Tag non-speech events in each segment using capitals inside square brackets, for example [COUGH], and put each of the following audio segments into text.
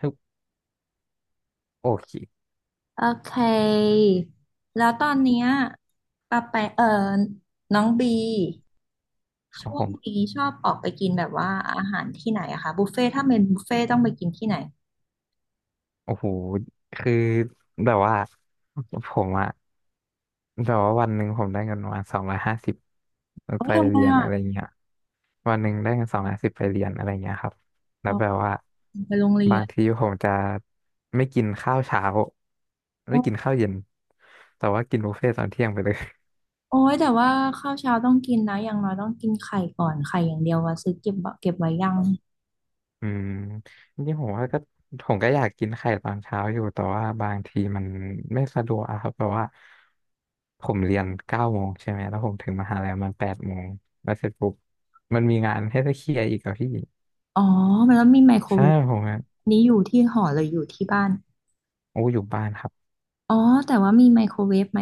คือโอเคโอเค แล้วตอนเนี้ยปาไปน้องบีครับช่วผงมนี้ชอบออกไปกินแบบว่าอาหารที่ไหนอะคะบุฟเฟ่ต์ถ้าเป็นบุฟเฟ่ตต้องไปกินที่ไหนโอ้โหคือแบบว่าผมอะแบบว่าวันหนึ่งผมได้เงินประมาณสองร้อยห้าสิบโอ้ไปยทำไมเรียนอะอะไรเงี้ยวันหนึ่งได้เงิน210ไปเรียนอะไรเงี้ยครับแล้อ๋วอแบบว่าไปโรงเรียบางนทีผมจะไม่กินข้าวเช้าโอไม่กิน้ข้าวเย็นแต่ว่ากินบุฟเฟ่ต์ตอนเที่ยงไปเลย โอ้ยแต่ว่าข้าวเช้าต้องกินนะอย่างน้อยต้องกินไข่ก่อนไข่อย่างเดียวว่าซื้อเก็บเก็บไว้ยังอืมจริงๆผมว่าก็ผมก็อยากกินไข่ตอนเช้าอยู่แต่ว่าบางทีมันไม่สะดวกอะครับแบบว่าผมเรียน9 โมงใช่ไหมแล้วผมถึงมหาลัยมัน8 โมงแล้วเสร็จปุ๊บมันมีงานให้ต้องเคลียร์อีกอะพี่อ๋อมันแล้วมีไมโครใช่เวฟผมอะนี้อยู่ที่หอหรืออยู่ที่บ้านโอ้อยู่บ้านครับอ๋อแต่ว่ามีไมโครเวฟไหม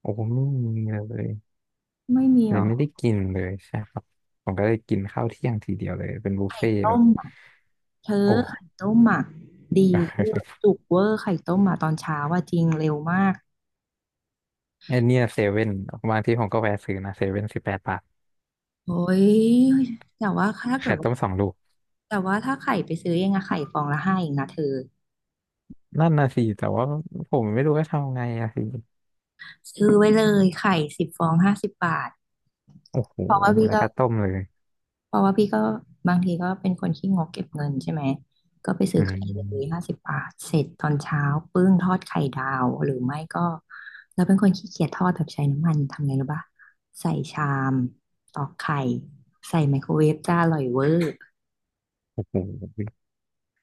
โอ้ไม่มีเลยไม่มีเลหรยอไม่ได้กินเลยใช่ครับผมก็เลยกินข้าวเที่ยงทีเดียวเลยเป็นบุฟเฟ่ต์ต้แบบมอะ เธอโอ้ ไข่ต้มหมักดีเวอร์จุกเวอร์ไข่ต้มหมาตอนเช้าว่าจริงเร็วมาก [LAUGHS] ไอเนี่ยเซเว่นบางทีผมก็แวะซื้อนะเซเว่น18 บาทโอ้ยแต่ว่าถ้าเกิไข่ดว่าต้มสองลูก แต่ว่าถ้าไข่ไปซื้อเองอะไข่ฟองละห้าเองนะเธอนั่นน่ะสิแต่ว่าผมไม่รู้จะทำไงอะสิซื้อไว้เลยไข่10 ฟองห้าสิบบาทโอ้โหเพราะว่าพี่แล้วก็ ก็ต้มเลยเพราะว่าพี่ก็บางทีก็เป็นคนขี้งกเก็บเงินใช่ไหมก็ไปอืซื้อไข่เลยห้ามสิบบาทเสร็จตอนเช้าปึ้งทอดไข่ดาวหรือไม่ก็เราเป็นคนขี้เกียจทอดแบบใช้น้ำมันทำไงรู้ปะใส่ชามตอกไข่ใส่ไมโครเวฟจ้าอร่อยเวอร์โอ้โห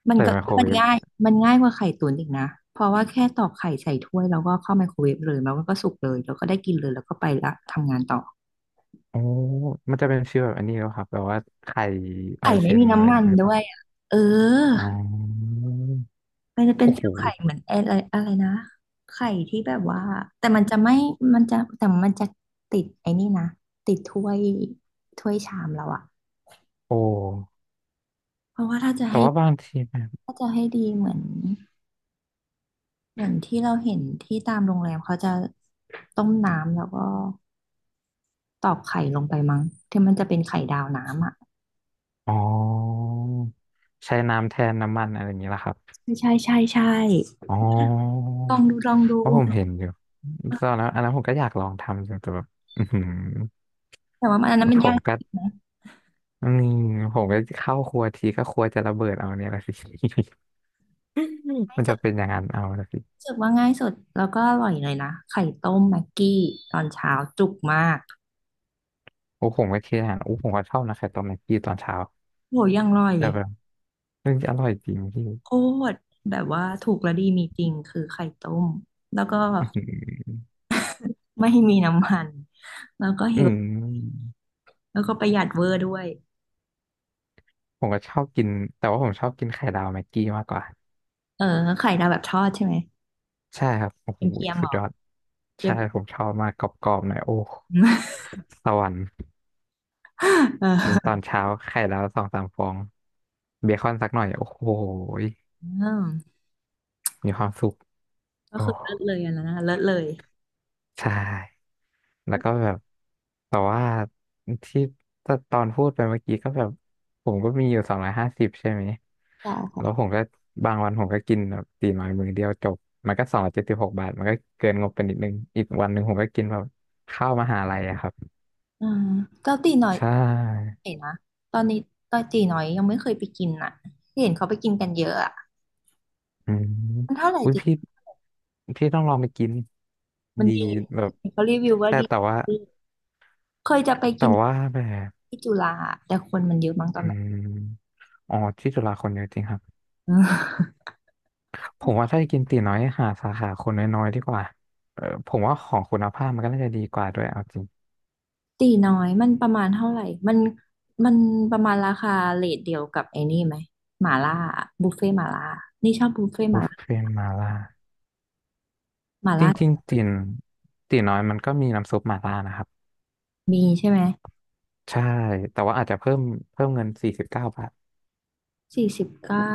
มันใส่ก็ไมโครมัเวนฟง่ายมันง่ายกว่าไข่ตุ๋นอีกนะเพราะว่าแค่ตอกไข่ใส่ถ้วยแล้วก็เข้าไมโครเวฟเลยแล้วมันก็สุกเลยแล้วก็ได้กินเลยแล้วก็ไปละทำงานต่อโอ้มันจะเป็นชื่อแบบอันนี้แล้วครับแบบว่าไข่ออไข่นไม่เซ็นมีอะไรน้ำอมัย่างนเงี้ยหรือเปด้วล่ายอะเออ อ๋อมันจะเป็นโอ้เซลโหล์ไข่เหมือนอะไรอะไรนะไข่ที่แบบว่าแต่มันจะไม่มันจะแต่มันจะติดไอ้นี่นะติดถ้วยถ้วยชามเราอะโอ้เพราะว่าถ้าจะแต่ให้ว่าบางทีแบบถ้าจะให้ดีเหมือนเหมือนที่เราเห็นที่ตามโรงแรมเขาจะต้มน้ำแล้วก็ตอกไข่ลงไปมั้งที่มันจะเป็นไข่ดาวน้ำอะอ๋อใช้น้ำแทนน้ำมันอะไรอย่างเงี้ยละครับใช่ใช่ใช่ใช่อ๋อลองดูลองดูเพราะผมเห็นอยู่ตอนนั้นอันนั้นผมก็อยากลองทำอยู่แต่แบบอือหือแต่ว่ามันอันนั้นมันผยามกก็ จริงนะอืมผมก็เข้าครัวทีก็ครัวจะระเบิดเอาเนี่ยละสิ [LAUGHS] ง่ายมันสุจะดเป็นอย่างนั้นเอาละสิรู้สึกว่าง่ายสุดแล้วก็อร่อยเลยนะไข่ต้มแม็กกี้ตอนเช้าจุกมาก โอ้ผมก็เคยอาหารโอ้ผมก็ชอบนะไข่ต้มแม็กกี้ตอนเช้าโหยังอร่อยแต่แบบเรื่องอร่อยจริงพี่ โคตรแบบว่าถูกและดีมีจริงคือไข่ต้มแล้วก็ [LAUGHS] อือหือไม่มีน้ำมันแล้วก็เฮอืลมแล้วก็ประหยัดเวอร์ด้วยผมก็ชอบกินแต่ว่าผมชอบกินไข่ดาวแม็กกี้มากกว่าเออไข่ดาวแบบทอดใช่ไหมใช่ครับโอ้โหเป็นเกียมเหสุรดอยอดเกี๊ยใช่ม ผมชอบมากกรอบๆหน่อยโอ้สวรรค์ [LAUGHS] กินตเอออนเช้าไข่ดาวสองสามฟองเบคอนสักหน่อยโอ้โหอืมมีความสุขก็โอ้ คือเลิศเลยอันนั้นนะเลิศเลยใช่ แล้วก็แบบ แต่ว่าที่ตอนพูดไปเมื่อกี้ก็แบบผมก็มีอยู่สองร้อยห้าสิบใช่ไหม ใช่ค่ะแล้วผมก็บางวันผมก็กินแบบตีน้อยมือเดียวจบ มันก็276 บาท มันก็เกินงบไปนิดนึง อีกวันหนึ่งผมก็กินแบบข้าวมหาลัยอะครับ อืมเจ้าตีน้อยใช่เห็นนะตอนนี้ตอนตีน้อยยังไม่เคยไปกินอ่ะเห็นเขาไปกินกันเยอะอ่ะอืมมันเท่าไหร่อุ้ยตีพี่ พี่ต้องลองไปกินมันดีดีแบบ เขารีวิวว่าแต่ดีแต่ว่าเคยจะไปแต่กิน ว่าแบบที่จุฬาแต่คนมันเยอะมั้งตออืนนั้น มอ๋อที่จุฬาคนเยอะจริงครับ [LAUGHS] ผมว่าถ้าจะกินตี๋น้อยหาสาขาคนน้อยๆดีกว่าเออผมว่าของคุณภาพมันก็น่าจะดีกว่าด้วยเอาจริงตีน้อยมันประมาณเท่าไหร่มันมันประมาณราคาเรทเดียวกับไอ้นี่ไหมหม่าล่าบุฟเฟ่หม่าล่านี่ชอบบุฟเฟ่หบุม่าฟเฟ่ล่าต์มาล่าหม่าจล่าริงๆตี๋น้อยมันก็มีน้ำซุปมาล่านะครับมีใช่ไหมใช่ แต่ว่าอาจจะเพิ่มเงิน49 บาท 49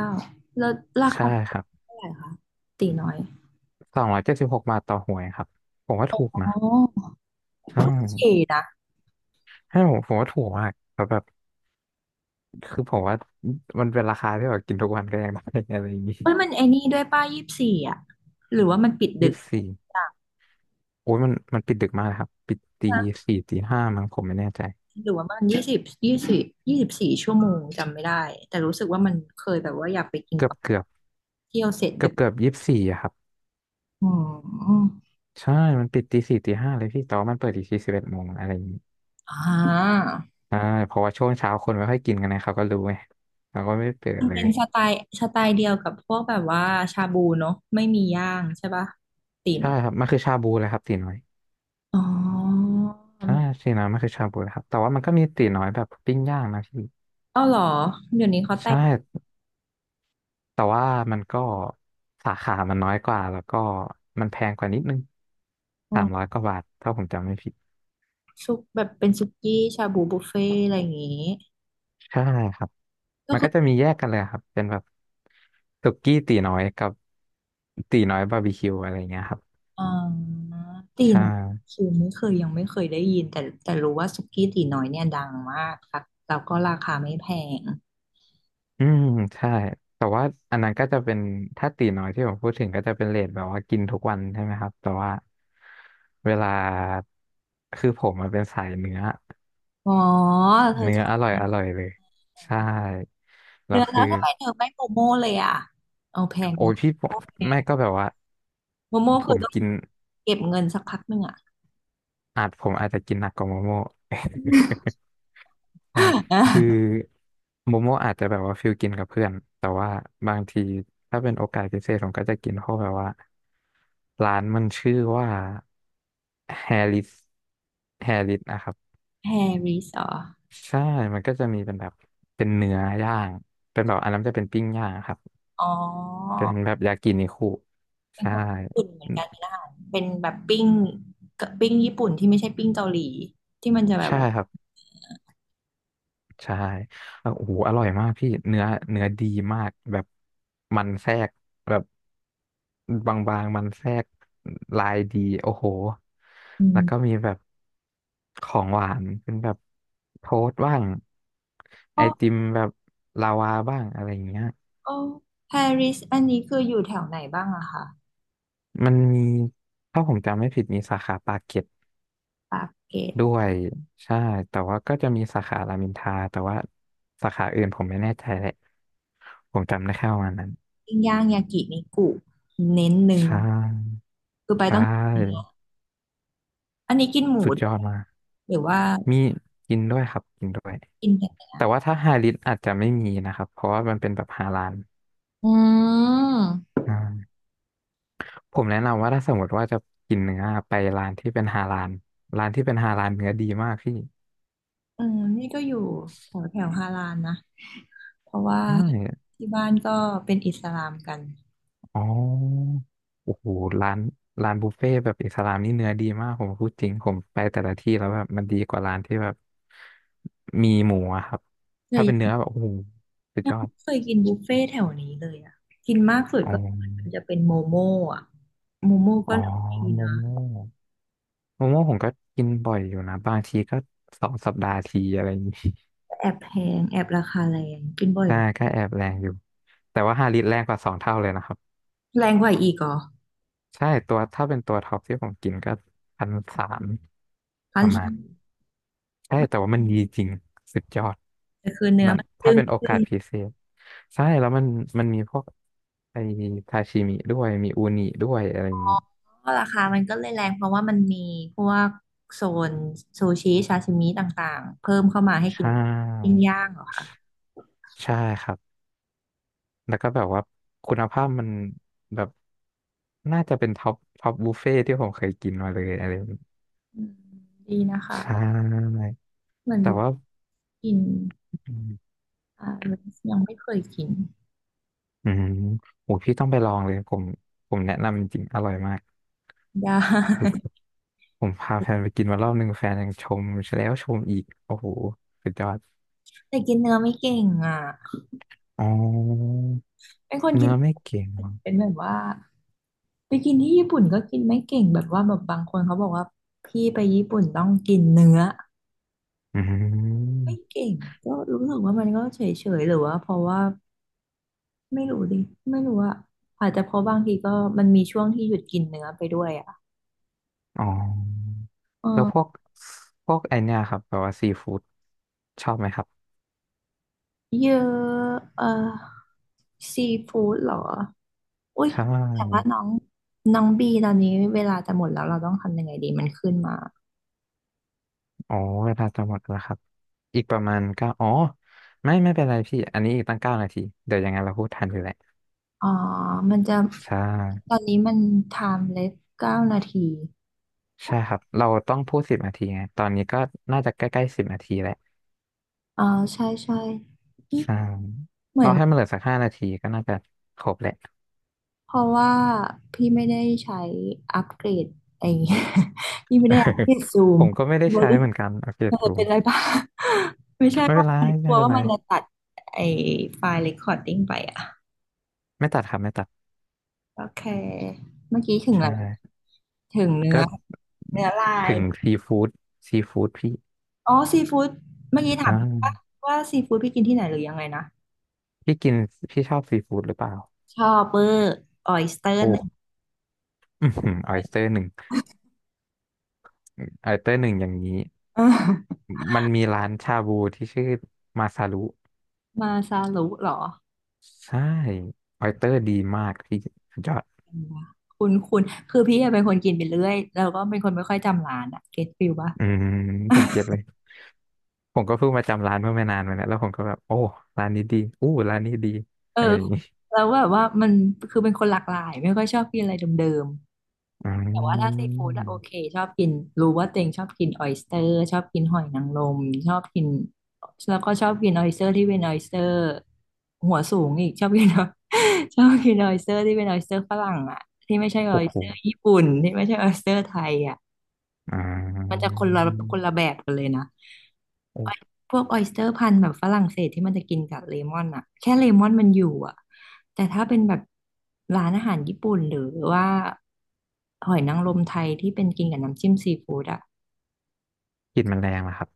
แล้วราใช่คาครับเท่าไหร่คะตีน้อย276 บาทต่อหวยครับผมว่าอ๋ถูกนะอใช่โอเคนะให้ผมผมว่าถูกมากแล้วแบบคือผมว่ามันเป็นราคาที่แบบกินทุกวันก็ยังได้ [LAUGHS] อะไรอย่างนี้เอ้ยมันไอ้นี่ด้วยป้ายี่สิบสี่อ่ะหรือว่ามันปิดดึยี่กสิบสี่อ่ะ โอ้ยมันปิดดึกมากนะครับปิดตีสี่ตีห้ามั้งผมไม่แน่ใจ หรือว่ามันยี่สิบยี่สิบ24 ชั่วโมงจำไม่ได้แต่รู้สึกว่ามันเคยแบบว่าอยากไปกินเกือแบบบเกือบเที่ยวเสร็จเกืดึอบกเกือบ24อะครับอืมใช่มันปิดตีสี่ตีห้าเลยพี่แต่ว่ามันเปิดอีกที11 โมงอะไรอย่างนี้อ่าใช่เพราะว่าช่วงเช้าคนไม่ค่อยกินกันนะเขาก็รู้ไงเราก็ไม่เปิดมันเลเป็ยนสไตล์สไตล์เดียวกับพวกแบบว่าชาบูเนาะไม่มีย่างใช่ปะตีใช่เนาะครับมันคือชาบูเลยครับตีน้อยอ๋อใช่ตีน้อยมันคือชาบูเลยครับแต่ว่ามันก็มีตีน้อยแบบปิ้งย่างนะพี่เอ้าเหรอเดี๋ยวนี้เขาแต่ใช่งแต่ว่ามันก็สาขามันน้อยกว่าแล้วก็มันแพงกว่านิดนึงอื300มกว่าบาทถ้าผมจำไม่ผิดซุปแบบเป็นซุกี้ชาบูบุฟเฟ่อะไรอย่างงี้ใช่ครับ ก็มันคืก็อ จะมีแยกกันเลยครับเป็นแบบสุกี้ตีน้อยกับตีน้อยบาร์บีคิวอะไรเงี้ยครับอ่าตีใช่น้อยคือไม่เคยยังไม่เคยได้ยินแต่แต่รู้ว่าสุกี้ตีน้อยเนี่ยดังมากค่ะแล้วก็ราคาไม่แพงอืมใช่แต่ว่าอันนั้นก็จะเป็นถ้าตีน้อยที่ผมพูดถึงก็จะเป็นเรทแบบว่ากินทุกวันใช่ไหมครับแต่ว่าเวลาคือผมมันเป็นสายเนื้ออ๋อเธอเนื้ชอออบร่อยอร่อยเลยใช่แล้เนื้วอแล้คือวทำไมเธอไม่โมโม่เลยอ่ะเอาแพงโอ้นะยพี่โมผมโม่แพงแม่ก็แบบว่าโมโม่ผคือมต้องกินเก็บเงินสักพักหนึ่งอ่ะ อาจผมอาจจะกินหนักกว่าโมโม่ [LAUGHS] ใช่คือ [LAUGHS] โมโมอาจจะแบบว่าฟิลกินกับเพื่อนแต่ว่าบางทีถ้าเป็นโอกาสพิเศษผมก็จะกินเพราะแบบว่าร้านมันชื่อว่าแฮริสแฮริสนะครับแฮริสเหรอใช่มันก็จะมีเป็นแบบเป็นเนื้อย่างเป็นแบบอันนั้นจะเป็นปิ้งย่างครับอ๋อเป็นแบบยากินิคุเป็นใช่คนญี่ปุ่นเหมือนกันนี้เป็นแบบปิ้งปิ้งญี่ปุ่นที่ไม่ใช่ปิ้งเกาหลีที่มันจะแบบใช่ว่าครับ ใช่แล้วโอ้โหอร่อยมากพี่เนื้อเนื้อดีมากแบบมันแทรกแบบบางๆมันแทรกลายดีโอ้โหอืแล้วก็มมีแบบของหวานเป็นแบบโทสต์บ้างไอก็ ติมแบบลาวาบ้างอะไรอย่างเงี้ยโอ้ปารีสอันนี้คืออยู่แถวไหนบ้างอะคะมันมีถ้าผมจำไม่ผิดมีสาขาปากเกร็ดปากเกร็ดด้วยใช่แต่ว่าก็จะมีสาขารามอินทราแต่ว่าสาขาอื่นผมไม่แน่ใจแหละผมจำได้แค่ประมาณนั้น ปิ้งย่างยากินิกุเน้นเนื้ใชอ่คือไปใชต้องกินเนื้อ่อันนี้กินหมูสุดด้ยวอดยมากหรือว่ามีกินด้วยครับกินด้วยกินแต่เนื้แต่อว่าถ้าไฮลิสอาจจะไม่มีนะครับเพราะว่ามันเป็นแบบฮาลาลอืมอ่าผมแนะนำว่าถ้าสมมติว่าจะกินเนื้อไปร้านที่เป็นฮาลาลร้านที่เป็นฮาลาลเนื้อดีมากพี่เออนี่ก็อยู่แถวแถวฮารานนะเพราะว่าใช่ที่บ้านก็เป็นอิสลามกันอ๋อโอ้โหร้านร้านบุฟเฟ่ต์แบบอิสลามนี่เนื้อดีมากผมพูดจริงผมไปแต่ละที่แล้วแบบมันดีกว่าร้านที่แบบมีหมูอะครับเลถ้าเป็นเนื้อยแบบโอ้โหสุดยัยงอดไม่เคยกินบุฟเฟ่ต์แถวนี้เลยอะกินมากสุดอ๋อ ก็มันจะเป็นโมโม่อะโมโม่อ๋ก็อดีโมนะโม่โมโม่ผมก็กินบ่อยอยู่นะบางทีก็สองสัปดาห์ทีอะไรอย่างนี้ แต่แอบแพงแอบราคาแรงกินบ่ [LAUGHS] อยใช่ก็แอบแรงอยู่แต่ว่าห้าลิตรแรงกว่าสองเท่าเลยนะครับแรงกว่าอีกเหรอ ใช่ตัวถ้าเป็นตัวท็อปที่ผมกินก็พันสามคอปนระมาณใช่แต่ว่ามันดีจริงสุดยอดคือเนื้อนั่นมันถ้าจึ้งเป็นโอจึ้กางสพิเศษใช่แล้วมันมีพวกไอทาชิมิด้วยมีอูนิด้วยอะไรอย่างนี้ก็ราคามันก็เลยแรงเพราะว่ามันมีพวกโซนซูชิชาชิมิต่างๆเพิ่มเข้ามาให้ใชกินปิ้ง่ย่างเหรอคะใช่ครับ แล้วก็แบบว่าคุณภาพมันแบบน่าจะเป็นท็อปบุฟเฟ่ที่ผมเคยกินมาเลยอะไรแบบนี้อืมดีนะคะใช่เหมือนแต่บุกว่ากินอืมอ่ายังไม่เคยกินอืมโอ้พี่ต้องไปลองเลยผมผมแนะนำจริงๆอร่อยมากไดส้ ุดๆผมพาแฟนไปกินมารอบหนึ่งแฟนยังชมแล้วชมอีกโอ้โหสุดยอด [LAUGHS] แต่กินเนื้อไม่เก่งอ่ะอ๋อเป็นคนกิเนื้นอไม่เก่งเหรอเป็นแบบว่าไปกินที่ญี่ปุ่นก็กินไม่เก่งแบบว่าแบบบางคนเขาบอกว่าพี่ไปญี่ปุ่นต้องกินเนื้ออืไม่มเก่งก็รู้สึกว่ามันก็เฉยๆหรือว่าเพราะว่า ไม่รู้ดิไม่รู้อะอาจจะเพราะบางทีก็มันมีช่วงที่หยุดกินเนื้อไปด้วยอะอ๋อเอแล้วพวอกไอเนี่ยครับแบบว่าซีฟู้ดชอบไหมครับเยอะเออซีฟู้ดเหรออุ้ยใชแต่ว่า่ น้องน้องบีตอนนี้เวลาจะหมดแล้วเราต้องทำยังไงดีมันขึ้นมาอ๋อเวลาจะหมดแล้วครับอีกประมาณเก้าอ๋อไม่เป็นไรพี่อันนี้อีกตั้งเก้านาทีเดี๋ยวยังไงเราพูดทันอยู่แหละอ๋อมันจะใช่ตอนนี้มัน timeless เลส9 นาทีใช่ครับเราต้องพูดสิบนาทีไงตอนนี้ก็น่าจะใกล้ๆสิบนาทีแหละอ๋อใช่ใช่อืมใช่เหมือเรานให้มันเหลือสักห้านาทีก็น่าจะครบแหละ เพราะว่าพี่ไม่ได้ใช้อัปเกรดไอ้ [LAUGHS] พี่ไม่ได้อัปเกรดซู [LAUGHS] ผม มก็ไม่ได้ใช้เหมือนกันโอเคเออจูเป็มนไรบ้าง [LAUGHS] ไม่ใช่ไม่ว่าเป็นไรใครกลัไม่วเป็นว่าไรมันจะตัดไอ้ไฟล์ recording ไปอ่ะไม่ตัดครับไม่ตัดโอเคเมื่อกี้ถึงใช่อะไรถึงเนื้อก็เนื้อลายถึงซีฟู้ดซีฟู้ดพี่อ๋อซีฟู้ดเมื่อกี้ใชถามว่า่ว่าซีฟู้ดพี่กินที่ไหนหรือยังไงนะพี่กินพี่ชอบซีฟู้ดหรือเปล่าชอบเบอร์ [LAUGHS] ออยสเตอร์โอ้ นึงอือหือออยสเตอร์หนึ่งออยสเตอร์หนึ่งอย่างนี้เออมันมีร้านชาบูที่ชื่อมาซารุมาซาลุเหรอใช่ออยสเตอร์ดีมากพี่สุดยอดคุณคุณคือพี่อะเป็นคนกินไปเรื่อยแล้วก็เป็นคนไม่ค่อยจำร้านอะเก็ตฟิลปะอืมผมเก็ตเลยผมก็เพิ่งมาจำร้านเมื่อไม่นานมาเนี่ยแล้วผมก็แบบโอ้ร้านนี้ดีอู้ร้านนี้ดีเอออะไรอย่างนี้แล้วแบบว่ามันคือเป็นคนหลากหลายไม่ค่อยชอบกินอะไรเดิม อืแต่ว่าถ้าซีฟู้ดอะโอเคมชอบกินรู้ว่าตัวเองชอบกินออยสเตอร์ชอบกินหอยนางรมชอบกินแล้วก็ชอบกินออยสเตอร์ที่เป็นออยสเตอร์หัวสูงอีกชอบกิน [LAUGHS] ชอบกินออยสเตอร์ที่เป็นออยสเตอร์ฝรั่งอะที่ไม่ใช่ออโอ้ยโหสเตอร์ญี่ปุ่นที่ไม่ใช่ออยสเตอร์ไทยอะอ่มันจะาคนละคนละแบบกันเลยนะ โอ้พวกออยสเตอร์พันธุ์แบบฝรั่งเศสที่มันจะกินกับเลมอนอะแค่เลมอนมันอยู่อะแต่ถ้าเป็นแบบร้านอาหารญี่ปุ่นหรือว่าหอยนางรมไทยที่เป็นกินกับน้ำจิ้มซีฟู้ดอะกลิ่นมันแรงนะครับ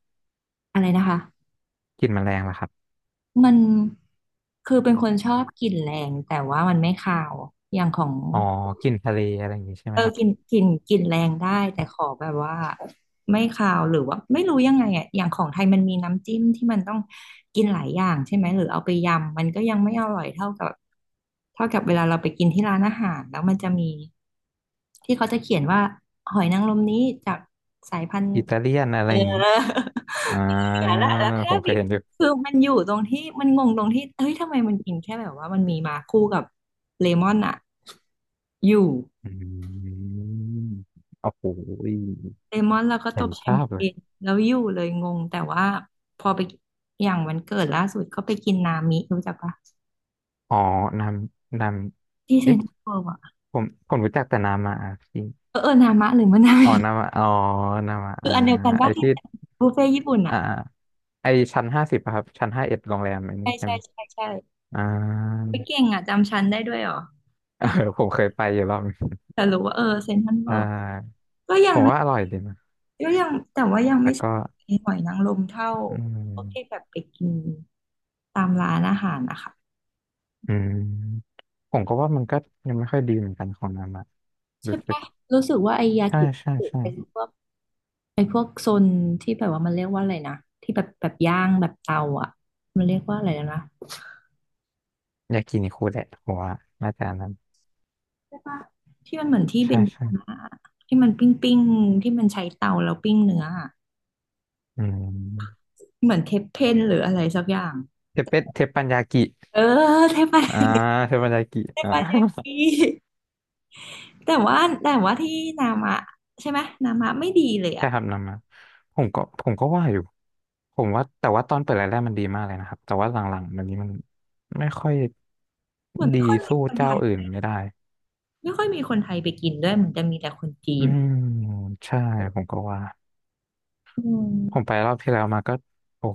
อะไรนะคะกลิ่นมันแรงนะครับมันคือเป็นคนชอบกลิ่นแรงแต่ว่ามันไม่คาวอย่างของ อ๋อกลิ่นทะเลอะไรอย่างนี้ใช่ไหเอมอครับกลิ่นแรงได้แต่ขอแบบว่าไม่คาวหรือว่าไม่รู้ยังไงอ่ะอย่างของไทยมันมีน้ำจิ้มที่มันต้องกินหลายอย่างใช่ไหมหรือเอาไปยำมันก็ยังไม่อร่อยเท่ากับเท่ากับเวลาเราไปกินที่ร้านอาหารแล้วมันจะมีที่เขาจะเขียนว่าหอยนางรมนี้จากสายพันธุ์อิตาเลียนอะไรเออย่างนี้อ อ่า [LAUGHS] แต่ละแล้วแค่ผมเคบิยบเห็นอยู่ คือมันอยู่ตรงที่มันงงตรงที่เอ้ยทำไมมันกินแค่แบบว่ามันมีมาคู่กับเลมอนอ่ะอยู่ อืมโอ้โหยเลมอนแล้วก็ตเห็นบแชมภาพเปเลย ญแล้วอยู่เลยงงแต่ว่าพอไปอย่างวันเกิดล่าสุดก็ไปกินนามิรู้จักปะอ๋อนามนามที่เซ็เอ๊ะ นทรัลเวิลด์อะผมรู้จักแต่นามาอาพีเออเออนามะหรือมะนนามิ อ๋อนามาอ๋อนามา [LAUGHS] คืออาอันเดียวกันไอปะที่ที่บุฟเฟ่ต์ญี่ปุ่นอ่าอะไอชั้นห้าสิบครับชั้นห้าเอ็ดโรงแรมอันนี้ใช่ใช่ใช่ไหมใช่ใช่อ่า ไปเก่งอะจำชั้นได้ด้วยเหรอ [LAUGHS] เออผมเคยไปอยู่รอบนึงแต่รู้ว่าเออเซ็นทรัลอ่เวิลด์าก็ยัผงมไม่ว่าอร่อยดีนะก็ยังแต่ว่ายังแต่ไม่ใชก็่หอยนางรมเท่าอืพวกที่มแบบไปกินตามร้านอาหารนะคะอืม ผมก็ว่ามันก็ยังไม่ค่อยดีเหมือนกันของนามาใช่รู้สึก ปะรู้สึกว่าไอยาใช่กิใช่ใช่ เป็นพวก ไอ้พวกโซนที่แบบว่ามันเรียกว่าอะไรนะที่แบบแบบย่างแบบเตาอ่ะมันเรียกว่าอะไรแล้วนะยากินิคุแหละผมว่าน่าจะอันนั้นใช่ปะที่มันเหมือนที่เบใช่นซ์ใช่มาที่มันปิ้งที่มันใช้เตาแล้วปิ้งเนื้ออะอืมเหมือนเทปเพนหรืออะไรสักอย่างเทปเปเทปปัญญากิเออเทปะอ่าเทปปัญญากิเทอ่า ปะยากิแต่ว่าแต่ว่าที่นามะใช่ไหมนามะไม่ดีเลย [LAUGHS] ใช่อ่ะครับนำมาผมก็ว่าอยู่ผมว่าแต่ว่าตอนเปิดแรกๆมันดีมากเลยนะครับแต่ว่าหลังๆมันนี้มันไม่ค่อยเหมือนไม่ดีค่อยมีสู้คนไทเจ้ายอื่นไม่ได้ไม่ค่อยมีคนไทยไปกินด้วยเหมือนจะมีแต่คนจีอืนมใช่ผมก็ว่าอืม ผมไปรอบที่แล้วมาก็โอ้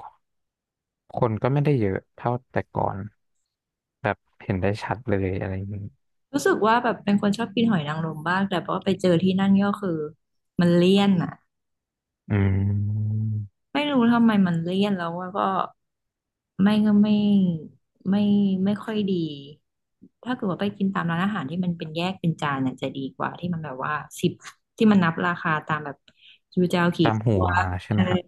คนก็ไม่ได้เยอะเท่าแต่ก่อนแบบเห็นได้ชัดเลยอะไรอย่างนี้รู้สึกว่าแบบเป็นคนชอบกินหอยนางรมบ้างแต่พอไปเจอที่นั่นก็คือมันเลี่ยนอ่ะอืม ไม่รู้ทำไมมันเลี่ยนแล้วว่าก็ไม่ก็ไม่ไม่ค่อยดีถ้าเกิดว่าไปกินตามร้านอาหารที่มันเป็นแยกเป็นจานน่ะจะดีกว่าที่มันแบบว่าสิบที่มันนับราคาตามแบบจูเจ้วกี่ตามหัตัววใช่เอไหมอครับ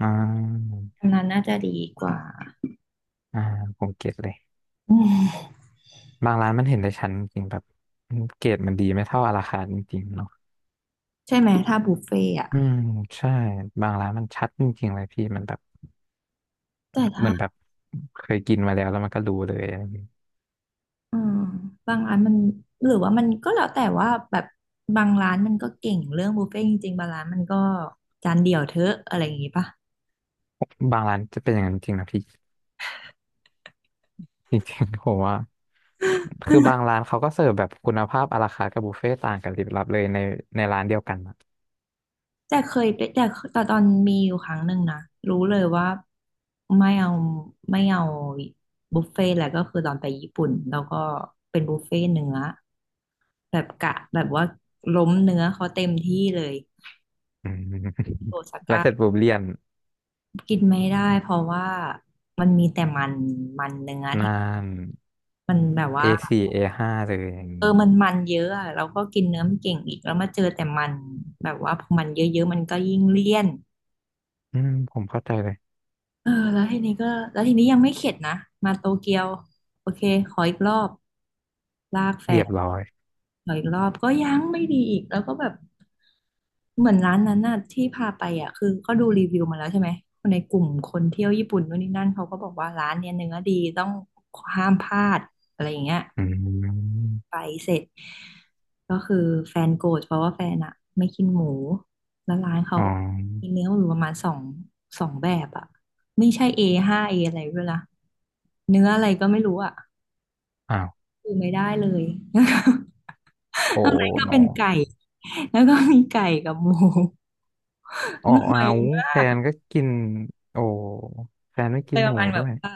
อ่าอันนั้นน่าจะดีกว่าอ่าผมเก็ตเลย อืมบางร้านมันเห็นได้ชัดจริงๆแบบเกรดมันดีไม่เท่าราคาจริงๆเนาะใช่ไหมถ้าบุฟเฟ่อะอืมใช่ บางร้านมันชัดจริงๆเลยพี่มันแบบแต่เหมืถ้า อนแบบเคยกินมาแล้วแล้วมันก็รู้เลยอะไรอย่างเงี้ยอืมบางร้านมันหรือว่ามันก็แล้วแต่ว่าแบบบางร้านมันก็เก่งเรื่องบุฟเฟ่ต์จริงๆบางร้านมันก็จานเดียวเถอะอะไรอย่างงี้ปะบางร้านจะเป็นอย่างนั้นจริงนะพี่จริงๆผมว่าคือบางร้านเขาก็เสิร์ฟแบบคุณภาพอาราคาร์ทกับบุฟเฟ่ต์ต่างกันลิบลับเลยในร้านเดียวกันอะแต่เคยไปแต่แต่ตอนมีอยู่ครั้งหนึ่งนะรู้เลยว่าไม่เอาไม่เอาบุฟเฟ่ต์แหละก็คือตอนไปญี่ปุ่นแล้วก็เป็นบุฟเฟ่ต์เนื้อแบบกะแบบว่าล้มเนื้อเขาเต็มที่เลยอืม โอซา [LAUGHS] แล้วก้าเสร็จปุ๊บเลี่ยนกินไม่ได้เพราะว่ามันมีแต่มันมันเนื้อนาที่น มันแบบว่า A4 A5 เอห้าเลยอย่างนี้ อมันเยอะอะเราก็กินเนื้อไม่เก่งอีกแล้วมาเจอแต่มันแบบว่าพอมันเยอะๆมันก็ยิ่งเลี่ยนอืมผมเข้าใจเลยเออแล้วทีนี้ก็แล้วทีนี้ยังไม่เข็ดนะมาโตเกียวโอเคขออีกรอบลากแฟเรีนยบร้อยขออีกรอบก็ยังไม่ดีอีกแล้วก็แบบเหมือนร้านนั้นน่ะที่พาไปอ่ะคือก็ดูรีวิวมาแล้วใช่ไหมคนในกลุ่มคนเที่ยวญี่ปุ่นนู่นนี่นั่นเขาก็บอกว่าร้านเนี้ยเนื้อดีต้องห้ามพลาดอะไรอย่างเงี้ย อืไปมเสร็จก็คือแฟนโกรธเพราะว่าแฟนอะไม่กินหมูแล้วร้านเขาอ๋อมีเนื้ออยู่ประมาณสองสองแบบอะไม่ใช่ A ห้า A ออะไรด้วยล่ะเนื้ออะไรก็ไม่รู้อะอ้าวคือไม่ได้เลย โอ้ [LAUGHS] ข้างในก็โนเป็นไก่แล้วก็มีไก่กับหมู [LAUGHS] อ๋อหอ้าน่อยวมาแฟกนก็กินโอ้แฟนไม่เลกินยปหระมูมาณแบด้บวยว่า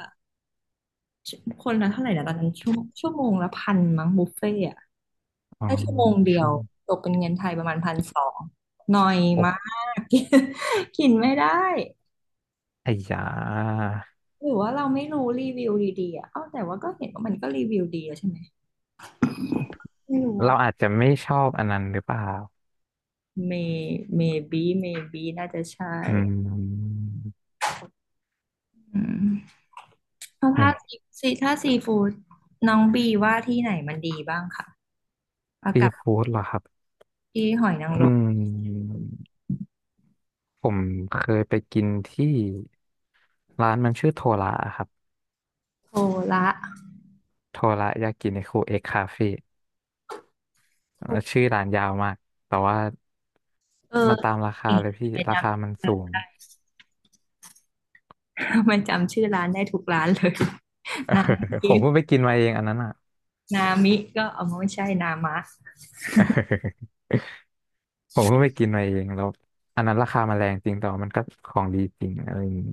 คนละเท่าไหร่นะตอนนั้นชั่วโมงละพันมั้งบุฟเฟ่ต์อะ อ๋อได้ชั่วโมงเดียช่ววงตกเป็นเงินไทยประมาณ1,200หน่อยโอ้มาก [LAUGHS] กินไม่ได้ไอ้ยาหรือว่าเราไม่รู้รีวิวดีๆอ่ะเอ้าแต่ว่าก็เห็นว่ามันก็รีวิวดีอะใช่ไหมไม่รู้ว่า เราอาจจะไม่ชอบอันนั้นหรือเปล่า may maybe maybe น่าจะใช่อืมอืมแล้วนี่ถ้าาซีซีถ้าซีฟู้ดน้องบีว่าที่ไหนมันดีบ้างค่ะเอาซีกับฟู้ดเหรอครับที่หอยนางอืรมมผมเคยไปกินที่ร้านมันชื่อโทระครับโทระโทระยากินิคุเอ็กคาเฟ่ แล้โทวชื่อร้านยาวมากแต่ว่าเออมันตามราคาเก่งเลยพี่ทำไม่จราคามันสูง ำทำไม่จำชื่อร้านได้ทุกร้านเลย [LAUGHS] นาย [LAUGHS] ผยิ้มม เพิ่งไปกินมาเองอันนั้นอ่ะนามิก็เอามาไม่ใช่นามะเออ [LAUGHS] ผมเพิ่งไปกินมาเองแล้วอันนั้นราคามันแรงจริงแต่ว่ามันก็ของดีจริงอะไรอย่างงี้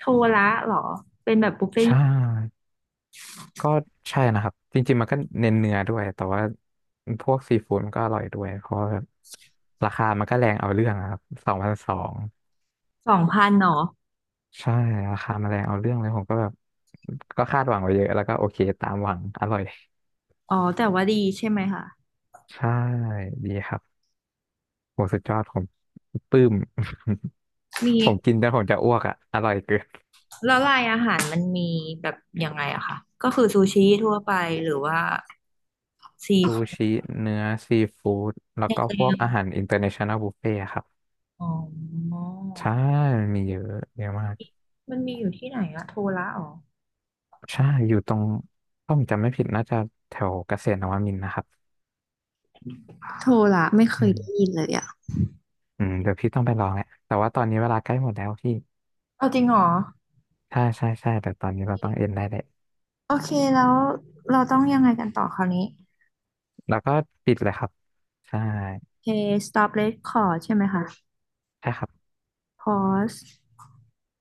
โทระเหรอเป็นแบบบุฟเฟ่ต์ใช่ก็ใช่นะครับจริงๆมันก็เน้นเนื้อด้วยแต่ว่าพวกซีฟู้ดมันก็อร่อยด้วยเพราะว่าแบบราคามันก็แรงเอาเรื่องอะครับสองพันสอง2,000หรอใช่ราคามันแรงเอาเรื่องเลยผมก็แบบก็คาดหวังไว้เยอะแล้วก็โอเคตามหวังอร่อย อ๋อแต่ว่าดีใช่ไหมคะใช่ดีครับโหสุดยอดผมปลื้ม มี [LAUGHS] ผมกินแล้วผมจะอ้วกอ่ะอร่อยเกินแล้วลายอาหารมันมีแบบยังไงอะคะก็คือซูชิทั่วไปหรือว่าซีซูฟู้ดชิเนื้อซีฟู้ดแล้วในก็ทะพเควกอามหารอินเตอร์เนชั่นแนลบุฟเฟ่ครับอ๋อใช่มันมีเยอะเยอะมากมันมีอยู่ที่ไหนอะโทระอ๋อใช่อยู่ตรงถ้าผมจำไม่ผิดน่าจะแถวเกษตรนวมินทร์นะครับโทราะไม่เคอืยได้ยิมนเลยอ่ะอืมเดี๋ยวพี่ต้องไปลองแหละแต่ว่าตอนนี้เวลาใกล้หมดแล้วพี่เอาจริงเหรอใช่ใช่ใช่แต่ตอนนี้เราต้องเอ็นได้เลยโอเคแล้วเราต้องยังไงกันต่อคราวนี้แล้วก็ปิดเลยครับใช่โอเค stop record ใช่ไหมคะ ใช่ครับ pause